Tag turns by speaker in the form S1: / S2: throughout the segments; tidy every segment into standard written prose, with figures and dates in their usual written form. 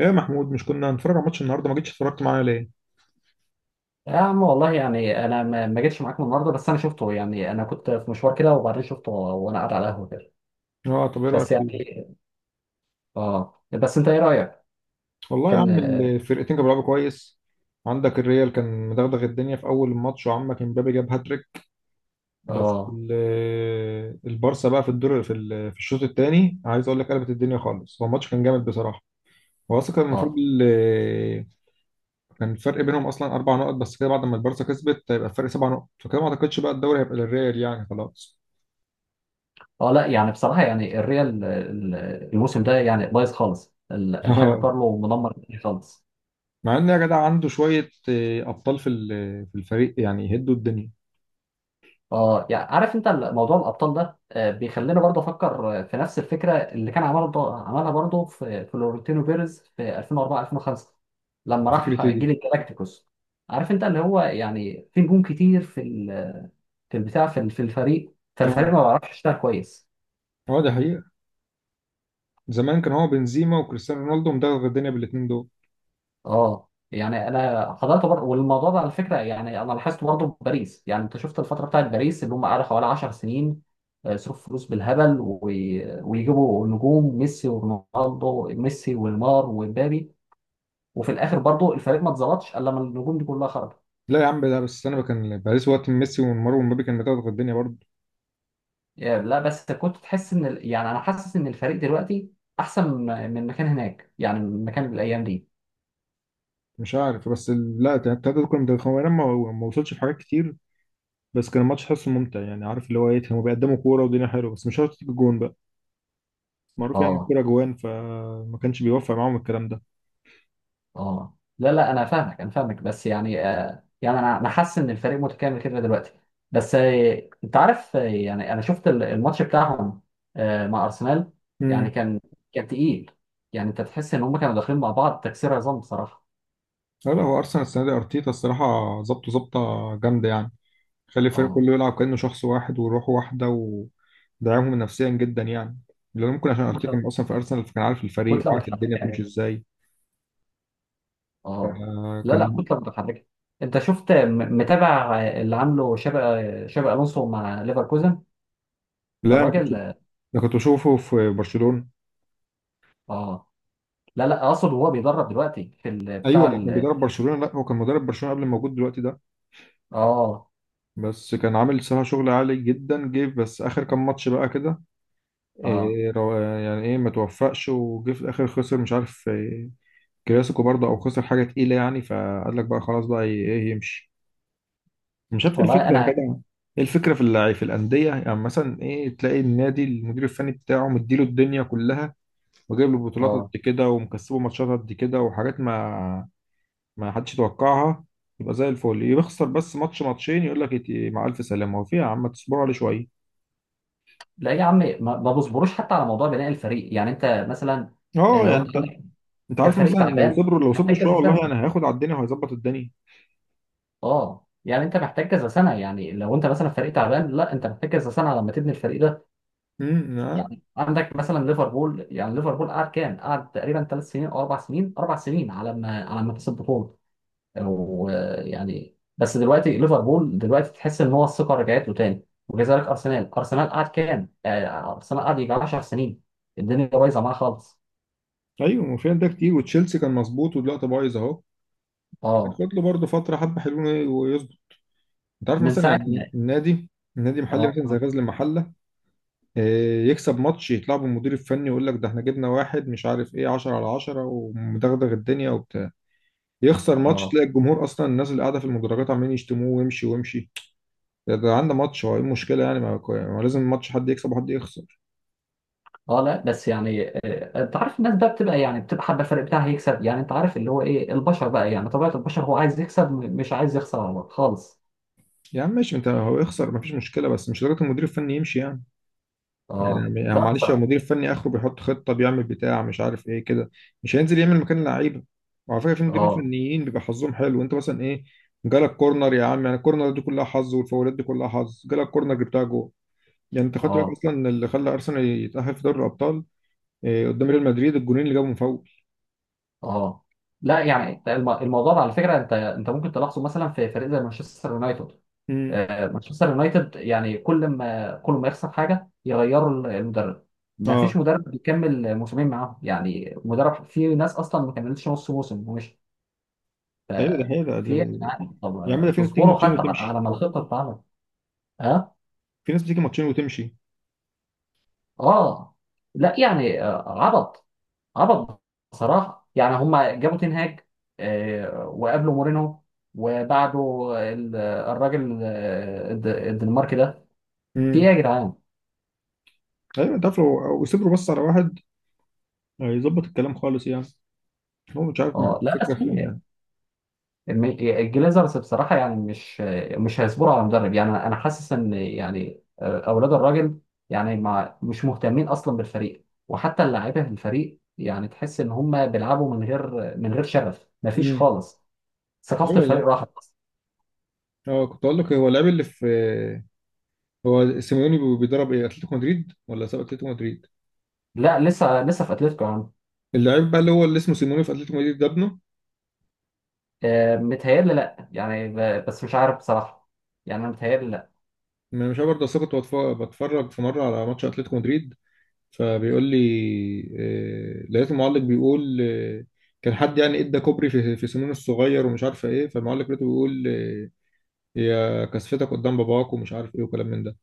S1: ايه يا محمود، مش كنا هنتفرج على ماتش النهارده؟ ما جيتش اتفرجت معايا ليه؟
S2: يا عم والله، يعني انا ما جيتش معاكم النهارده. بس انا شفته، يعني انا كنت في مشوار كده وبعدين شفته وانا قاعد على القهوه كده.
S1: اه، طب ايه رايك
S2: بس
S1: فيه؟
S2: يعني. اه بس انت ايه رايك؟
S1: والله يا
S2: كان
S1: عم، الفرقتين كانوا بيلعبوا كويس. عندك الريال كان مدغدغ الدنيا في اول الماتش، وعمك امبابي جاب هاتريك. بس
S2: اه
S1: البارسا بقى في الدور في في الشوط الثاني، عايز اقول لك قلبت الدنيا خالص. هو الماتش كان جامد بصراحه. هو اصلا كان المفروض
S2: اه
S1: كان الفرق بينهم اصلا اربع نقط بس كده، بعد ما البارسا كسبت هيبقى الفرق سبع نقط، فكده ما اعتقدش بقى الدوري هيبقى للريال يعني خلاص.
S2: لا، يعني بصراحه، يعني الريال الموسم ده يعني بايظ خالص. الحاج كارلو مدمر الدنيا خالص.
S1: مع ان يا جدع عنده شويه ابطال في في الفريق يعني يهدوا الدنيا.
S2: اه يعني عارف انت موضوع الابطال ده بيخلينا برضه افكر في نفس الفكره اللي كان عملها عملها برضه في فلورنتينو بيريز في 2004 2005، لما راح
S1: فكرة إيه
S2: جيل
S1: دي؟
S2: الجالاكتيكوس. عارف انت اللي هو، يعني في نجوم كتير في الفريق، فالفريق
S1: اه.
S2: ما بيعرفش يشتغل كويس.
S1: اه دي حقيقه. زمان كان هو بنزيما وكريستيانو رونالدو مدغدغ الدنيا بالاثنين دول.
S2: اه يعني انا حضرت برضه، والموضوع ده على فكره يعني انا لاحظت برضه في باريس. يعني انت شفت الفتره بتاعت باريس، اللي هم قعدوا حوالي 10 سنين. صرف فلوس بالهبل ويجيبوا نجوم ميسي ورونالدو، ميسي ونيمار ومبابي. وفي الاخر برضه الفريق ما اتظبطش الا لما النجوم دي كلها خرجت.
S1: لا يا عم، ده بس انا كان باريس وقت من ميسي ونيمار ومبابي كان مدغدغ الدنيا برضه.
S2: يعني لا، بس كنت تحس ان يعني انا حاسس ان الفريق دلوقتي احسن من مكان هناك، يعني من مكان الايام دي.
S1: مش عارف، بس لا التلاته دول كانوا مدغدغين. هو أنا ما وصلش في حاجات كتير. بس كان الماتش حاسه ممتع يعني، عارف اللي هو ايه، كانوا بيقدموا كوره والدنيا حلوه بس مش شرط تيجي جون بقى. معروف يعني
S2: اه
S1: الكوره جوان، فما كانش بيوفق معاهم الكلام ده.
S2: اه لا لا، انا فاهمك انا فاهمك، بس يعني يعني انا حاسس ان الفريق متكامل كده دلوقتي. بس انت عارف، يعني انا شفت الماتش بتاعهم مع ارسنال. يعني
S1: امم.
S2: كان تقيل، يعني انت تحس ان هم كانوا داخلين مع بعض تكسير عظام بصراحه.
S1: لا لا، هو ارسنال السنه دي ارتيتا الصراحه ظبطه ظبطه، جامده يعني. خلي الفريق
S2: اه
S1: كله يلعب كأنه شخص واحد وروح واحدة. ودعمهم نفسيا جدا يعني، لأن ممكن عشان أرتيتا
S2: كتلة
S1: كان أصلا في أرسنال، فكان عارف الفريق
S2: كتله
S1: وعارف
S2: متحركه
S1: الدنيا بتمشي
S2: يعني.
S1: إزاي.
S2: اه
S1: آه،
S2: لا لا،
S1: كان
S2: كتله متحركه. انت شفت متابع اللي عامله شابي الونسو مع ليفركوزن.
S1: لا، أنا كنت
S2: الراجل.
S1: أنا كنت بشوفه في برشلونة.
S2: اه لا لا، اقصد وهو بيدرب دلوقتي
S1: أيوه
S2: بتاع
S1: ما كان بيدرب برشلونة، لا هو كان مدرب برشلونة قبل ما موجود دلوقتي ده.
S2: اه
S1: بس كان عامل صراحة شغل عالي جدا، جه بس آخر كام ماتش بقى كده
S2: اه
S1: إيه يعني إيه، ما توفقش وجه في الآخر خسر مش عارف إيه كلاسيكو برضه أو خسر حاجة تقيلة يعني، فقال لك بقى خلاص بقى إيه، يمشي. مش شفت الفكره
S2: والله
S1: يا
S2: انا.
S1: جدع؟ ايه الفكره في اللعيب في الانديه، يعني مثلا ايه، تلاقي النادي المدير الفني بتاعه مديله الدنيا كلها وجايب له بطولات
S2: اه
S1: قد كده ومكسبه ماتشات قد كده وحاجات ما ما حدش يتوقعها، يبقى زي الفل. يخسر بس ماتش ماتشين يقول لك إيه، مع الف سلامه. هو في يا عم تصبروا عليه شويه؟
S2: لا يا عمي، ما بصبروش حتى على موضوع بناء الفريق. يعني انت مثلا
S1: اه،
S2: لو
S1: يعني
S2: انت
S1: انت
S2: عندك
S1: انت
S2: كان
S1: عارف
S2: فريق
S1: مثلا، لو
S2: تعبان
S1: صبروا لو صبروا
S2: محتاج
S1: شويه
S2: كذا سنه.
S1: والله انا هياخد على الدنيا وهيظبط الدنيا.
S2: اه يعني انت محتاج كذا سنه، يعني لو انت مثلا فريق تعبان، لا انت محتاج كذا سنه لما تبني الفريق ده.
S1: امم. آه.
S2: يعني عندك مثلا ليفربول. يعني ليفربول قعد كام؟ قعد تقريبا 3 سنين او 4 سنين، 4 سنين على ما كسب بطوله. ويعني بس دلوقتي ليفربول دلوقتي تحس ان هو الثقه رجعت له تاني، وكذلك ارسنال. ارسنال قعد كام؟ ارسنال قعد يجي 10 سنين الدنيا بايظه معاه خالص.
S1: ايوه، ما في ده كتير، وتشيلسي كان مظبوط ودلوقتي بايظ اهو.
S2: اه
S1: هتاخد له برضه فتره حبه حلوين ويظبط. انت عارف
S2: من
S1: مثلا
S2: ساعه ما.
S1: يعني النادي، النادي محلي مثلا زي
S2: اه
S1: غزل المحله، يكسب ماتش يطلع بالمدير الفني يقول لك ده احنا جبنا واحد مش عارف ايه 10 على 10 ومدغدغ الدنيا وبتاع، يخسر ماتش
S2: اه
S1: تلاقي الجمهور اصلا الناس اللي قاعده في المدرجات عمالين يشتموه ويمشي ويمشي. ده عنده ماتش هو، ايه المشكله يعني؟ ما لازم ماتش حد يكسب وحد يخسر.
S2: اه لا بس يعني انت عارف الناس بقى بتبقى، يعني بتبقى حابه الفريق بتاعها يكسب. يعني انت عارف اللي هو ايه، البشر بقى يعني طبيعه البشر هو عايز يكسب، مش عايز يخسر والله خالص.
S1: يا عم ماشي، انت هو يخسر ما فيش مشكله، بس مش لدرجه المدير الفني يمشي يعني.
S2: اه
S1: يعني
S2: لا
S1: معلش، لو
S2: بصراحه.
S1: المدير الفني اخره بيحط خطه بيعمل بتاع مش عارف ايه كده، مش هينزل يعمل مكان لعيبه. وعلى فكره في مديرين
S2: اه
S1: فنيين بيبقى حظهم حلو، انت مثلا ايه، جالك كورنر يا عم، يعني الكورنر دي كلها حظ والفاولات دي كلها حظ، جالك كورنر جبتها جول. يعني انت خدت بالك
S2: اه
S1: اصلا إن اللي خلى ارسنال يتاهل في دوري الابطال إيه؟ قدام ريال مدريد الجونين اللي جابهم فاول.
S2: اه لا، يعني الموضوع ده على فكره، انت انت ممكن تلاحظه مثلا في فريق زي مانشستر يونايتد.
S1: امم.
S2: مانشستر يونايتد يعني كل ما يخسر حاجه يغيروا المدرب. ما فيش
S1: اه.
S2: مدرب بيكمل موسمين معاهم. يعني مدرب، في ناس اصلا ما كملتش نص موسم ومشي.
S1: ايوه، ده حقيقة
S2: في إيه يعني؟ طب
S1: يا عم، ده في ناس بتيجي
S2: تصبروا
S1: ماتشين
S2: حتى على
S1: وتمشي،
S2: على ما الخطه تتعمل. ها.
S1: في ناس بتيجي ماتشين وتمشي.
S2: اه لا يعني عبط. عبط بصراحة. يعني هما جابوا تين هاج وقابلوا مورينو. وبعده الراجل الدنماركي ده. في ايه
S1: امم.
S2: يا جدعان؟
S1: ايوه انت عارف، لو يصبروا بس على واحد هيظبط الكلام خالص يعني. هو مش عارف مع
S2: اه لا
S1: الفكرة
S2: بس
S1: في
S2: هم
S1: إيه
S2: يعني
S1: يعني.
S2: الجليزرز بصراحة يعني مش هيصبروا على مدرب. يعني انا. حاسس ان، يعني اولاد الراجل يعني. مع مش مهتمين اصلا بالفريق، وحتى اللاعيبة في الفريق يعني تحس ان هم بيلعبوا من غير شغف، مفيش
S1: مم.
S2: خالص.
S1: ايوه
S2: ثقافة الفريق
S1: والله.
S2: راحت أصلاً.
S1: اه، كنت اقول لك، هو اللاعب اللي في، هو سيميوني بيدرب ايه، اتلتيكو مدريد ولا ساب اتلتيكو مدريد؟
S2: لا، لسه لسه في اتلتيكو يعني.
S1: اللاعب بقى اللي هو اللي اسمه سيميوني في اتلتيكو مدريد ده ابنه.
S2: متهيألي لأ، يعني بس مش عارف بصراحة. يعني أنا متهيألي لأ.
S1: ما مش عارف برضه، أصل أنا كنت بتفرج في مره على ماتش اتلتيكو مدريد، فبيقول لي لقيت المعلق بيقول كان حد يعني ادى كوبري في سيميوني الصغير ومش عارفه ايه، فالمعلق لقيته بيقول يا كسفتك قدام باباك، ومش عارف ايه وكلام من ده.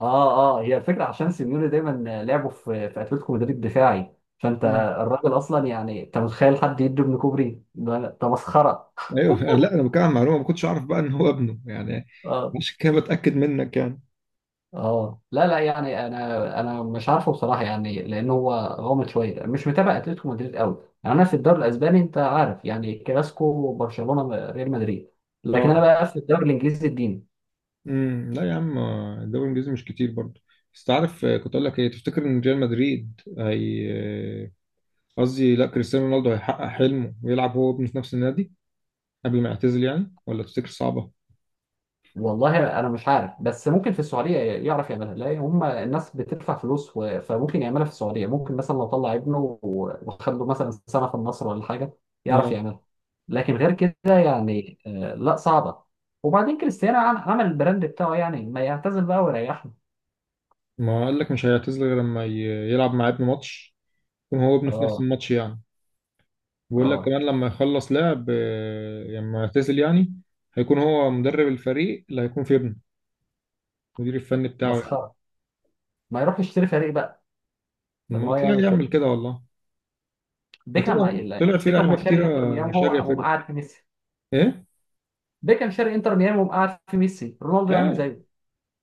S2: هي الفكرة، عشان سيميوني دايما لعبه في أتلتيكو مدريد دفاعي، فأنت.
S1: مم.
S2: الراجل أصلا، يعني أنت متخيل حد يدي ابن كوبري؟ ده مسخرة.
S1: ايوه. لا انا بتكلم عن معلومه ما كنتش اعرف بقى ان هو ابنه يعني،
S2: آه
S1: مش كده، بتاكد منك يعني.
S2: لا لا، يعني أنا مش عارفه بصراحة، يعني لأن هو غامض شوية. مش متابع أتلتيكو مدريد قوي. يعني أنا في الدوري الأسباني، أنت عارف يعني كلاسيكو برشلونة ريال مدريد. لكن أنا
S1: اه.
S2: بقى في الدوري الإنجليزي الدين.
S1: امم. لا يا عم، الدوري الانجليزي مش كتير برضه. بس تعرف كنت اقول لك ايه، تفتكر ان ريال مدريد هي آه، قصدي لا، كريستيانو رونالدو هيحقق حلمه ويلعب هو وابنه في نفس النادي قبل ما يعتزل يعني، ولا تفتكر صعبة؟
S2: والله انا مش عارف، بس ممكن في السعوديه يعرف يعملها. لا هم الناس بتدفع فلوس، و... فممكن يعملها في السعوديه. ممكن مثلا لو طلع ابنه وخده مثلا سنه في النصر ولا حاجه، يعرف
S1: اه.
S2: يعملها. لكن غير كده يعني لا صعبه. وبعدين كريستيانو عمل البراند بتاعه. يعني ما يعتزل بقى ويريحنا.
S1: ما قال لك مش هيعتزل غير لما يلعب مع ابنه ماتش، يكون هو وابنه في نفس
S2: اه.
S1: الماتش يعني. بيقول لك
S2: اه
S1: كمان لما يخلص لعب لما يعتزل يعني هيكون هو مدرب الفريق اللي هيكون في ابنه، المدير الفني بتاعه يعني.
S2: مسخره. ما يروح يشتري فريق بقى لما
S1: ما
S2: هو
S1: تلاقيه
S2: يعمل كده.
S1: يعمل كده والله. ده
S2: بيكهام.
S1: طلع
S2: لا،
S1: طلع في
S2: بيكهام
S1: لعيبه
S2: هو
S1: كتيره،
S2: شاري انتر ميامي، هو
S1: شاريه
S2: قام
S1: فرق.
S2: قاعد في ميسي.
S1: ايه.
S2: بيكهام شاري انتر ميامي وقام قاعد في ميسي، رونالدو يعمل
S1: اه.
S2: زيه.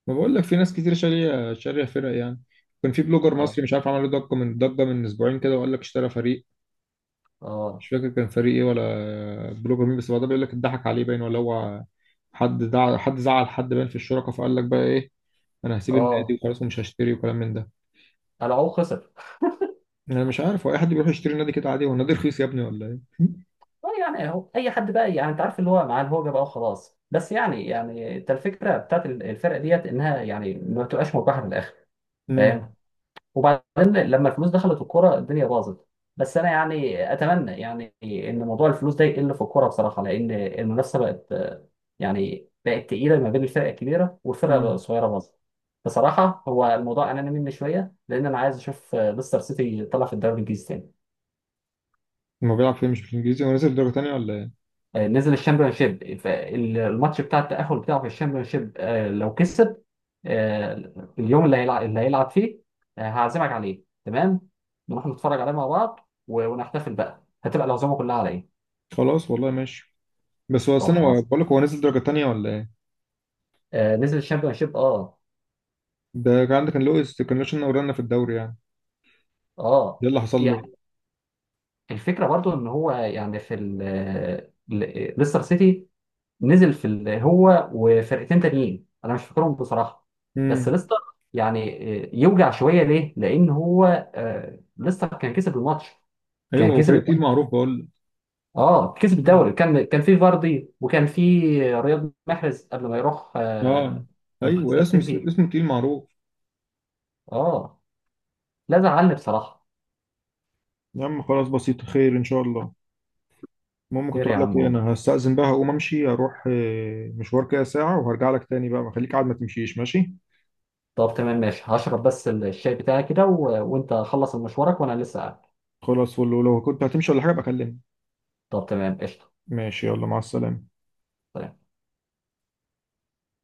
S1: ما بقول لك في ناس كتير شاريه فرق يعني. كان في بلوجر
S2: اه
S1: مصري مش عارف عمل له ضجه من ضجه من اسبوعين كده وقال لك اشترى فريق، مش
S2: اه
S1: فاكر كان فريق ايه ولا بلوجر مين، بس بعدها بيقول لك اتضحك عليه باين، ولا هو حد حد زعل حد باين في الشركه، فقال لك بقى ايه، انا هسيب النادي
S2: اه
S1: وخلاص ومش هشتري وكلام من ده.
S2: العو خسر.
S1: انا مش عارف، هو اي حد بيروح يشتري نادي كده عادي؟ هو النادي رخيص يا ابني ولا ايه؟
S2: اه يعني اهو اي حد بقى، يعني انت عارف اللي هو مع الهوجه بقى وخلاص. بس يعني، يعني انت الفكره بتاعت الفرقه ديت انها يعني ما بتبقاش مربحه في الاخر،
S1: امم.
S2: فاهم؟ وبعدين لما الفلوس دخلت الكوره الدنيا باظت. بس انا يعني اتمنى يعني ان موضوع الفلوس ده يقل في الكوره بصراحه، لان المنافسه بقت يعني بقت تقيله ما بين الفرق الكبيره والفرق
S1: امم.
S2: الصغيره، باظت بصراحه. هو الموضوع اناني مني شويه، لان انا عايز اشوف ليستر سيتي طلع في الدوري الانجليزي تاني.
S1: ما بيلعب فيه مش بالانجليزي، هو نازل درجه تانيه ولا ايه؟
S2: نزل الشامبيونشيب، فالماتش بتاع التأهل بتاعه في الشامبيونشيب لو كسب آه، اليوم اللي هيلعب فيه هعزمك عليه، تمام؟ نروح نتفرج عليه مع بعض ونحتفل بقى. هتبقى العزومه كلها على ايه.
S1: خلاص والله ماشي. بس هو
S2: طب
S1: استنى،
S2: خلاص.
S1: بقول لك هو نزل درجة تانية ولا ايه؟
S2: نزل الشامبيونشيب. اه
S1: ده كان عندك، كان لويس ورانا في الدوري يعني، ده
S2: اه
S1: اللي حصل له.
S2: يعني الفكره برضو ان هو يعني في ليستر سيتي نزل في هو وفرقتين تانيين، انا مش فاكرهم بصراحه. بس
S1: امم.
S2: ليستر يعني يوجع شويه. ليه؟ لان هو ليستر كان كسب الماتش،
S1: ايوه
S2: كان
S1: هو
S2: كسب
S1: فريق تقيل
S2: الدوري.
S1: معروف، بقول لك.
S2: اه كسب
S1: مم.
S2: الدوري. كان في فاردي، وكان في رياض محرز قبل ما يروح
S1: اه ايوه،
S2: مانشستر سيتي.
S1: اسمه تقيل معروف.
S2: اه لا، زعلني بصراحه.
S1: يا عم خلاص، بسيط، خير ان شاء الله. المهم، كنت
S2: خير يا
S1: اقول لك
S2: عم
S1: ايه،
S2: والله.
S1: انا هستأذن بقى، هقوم امشي اروح مشوار كده ساعة وهرجع لك تاني بقى، ما خليك قاعد ما تمشيش ماشي.
S2: طب تمام ماشي، هشرب بس الشاي بتاعي كده وانت خلص مشوارك وانا لسه قاعد.
S1: خلاص، ولو لو كنت هتمشي ولا حاجة بكلمني.
S2: طب تمام قشطه.
S1: ماشي، يلا مع السلامة.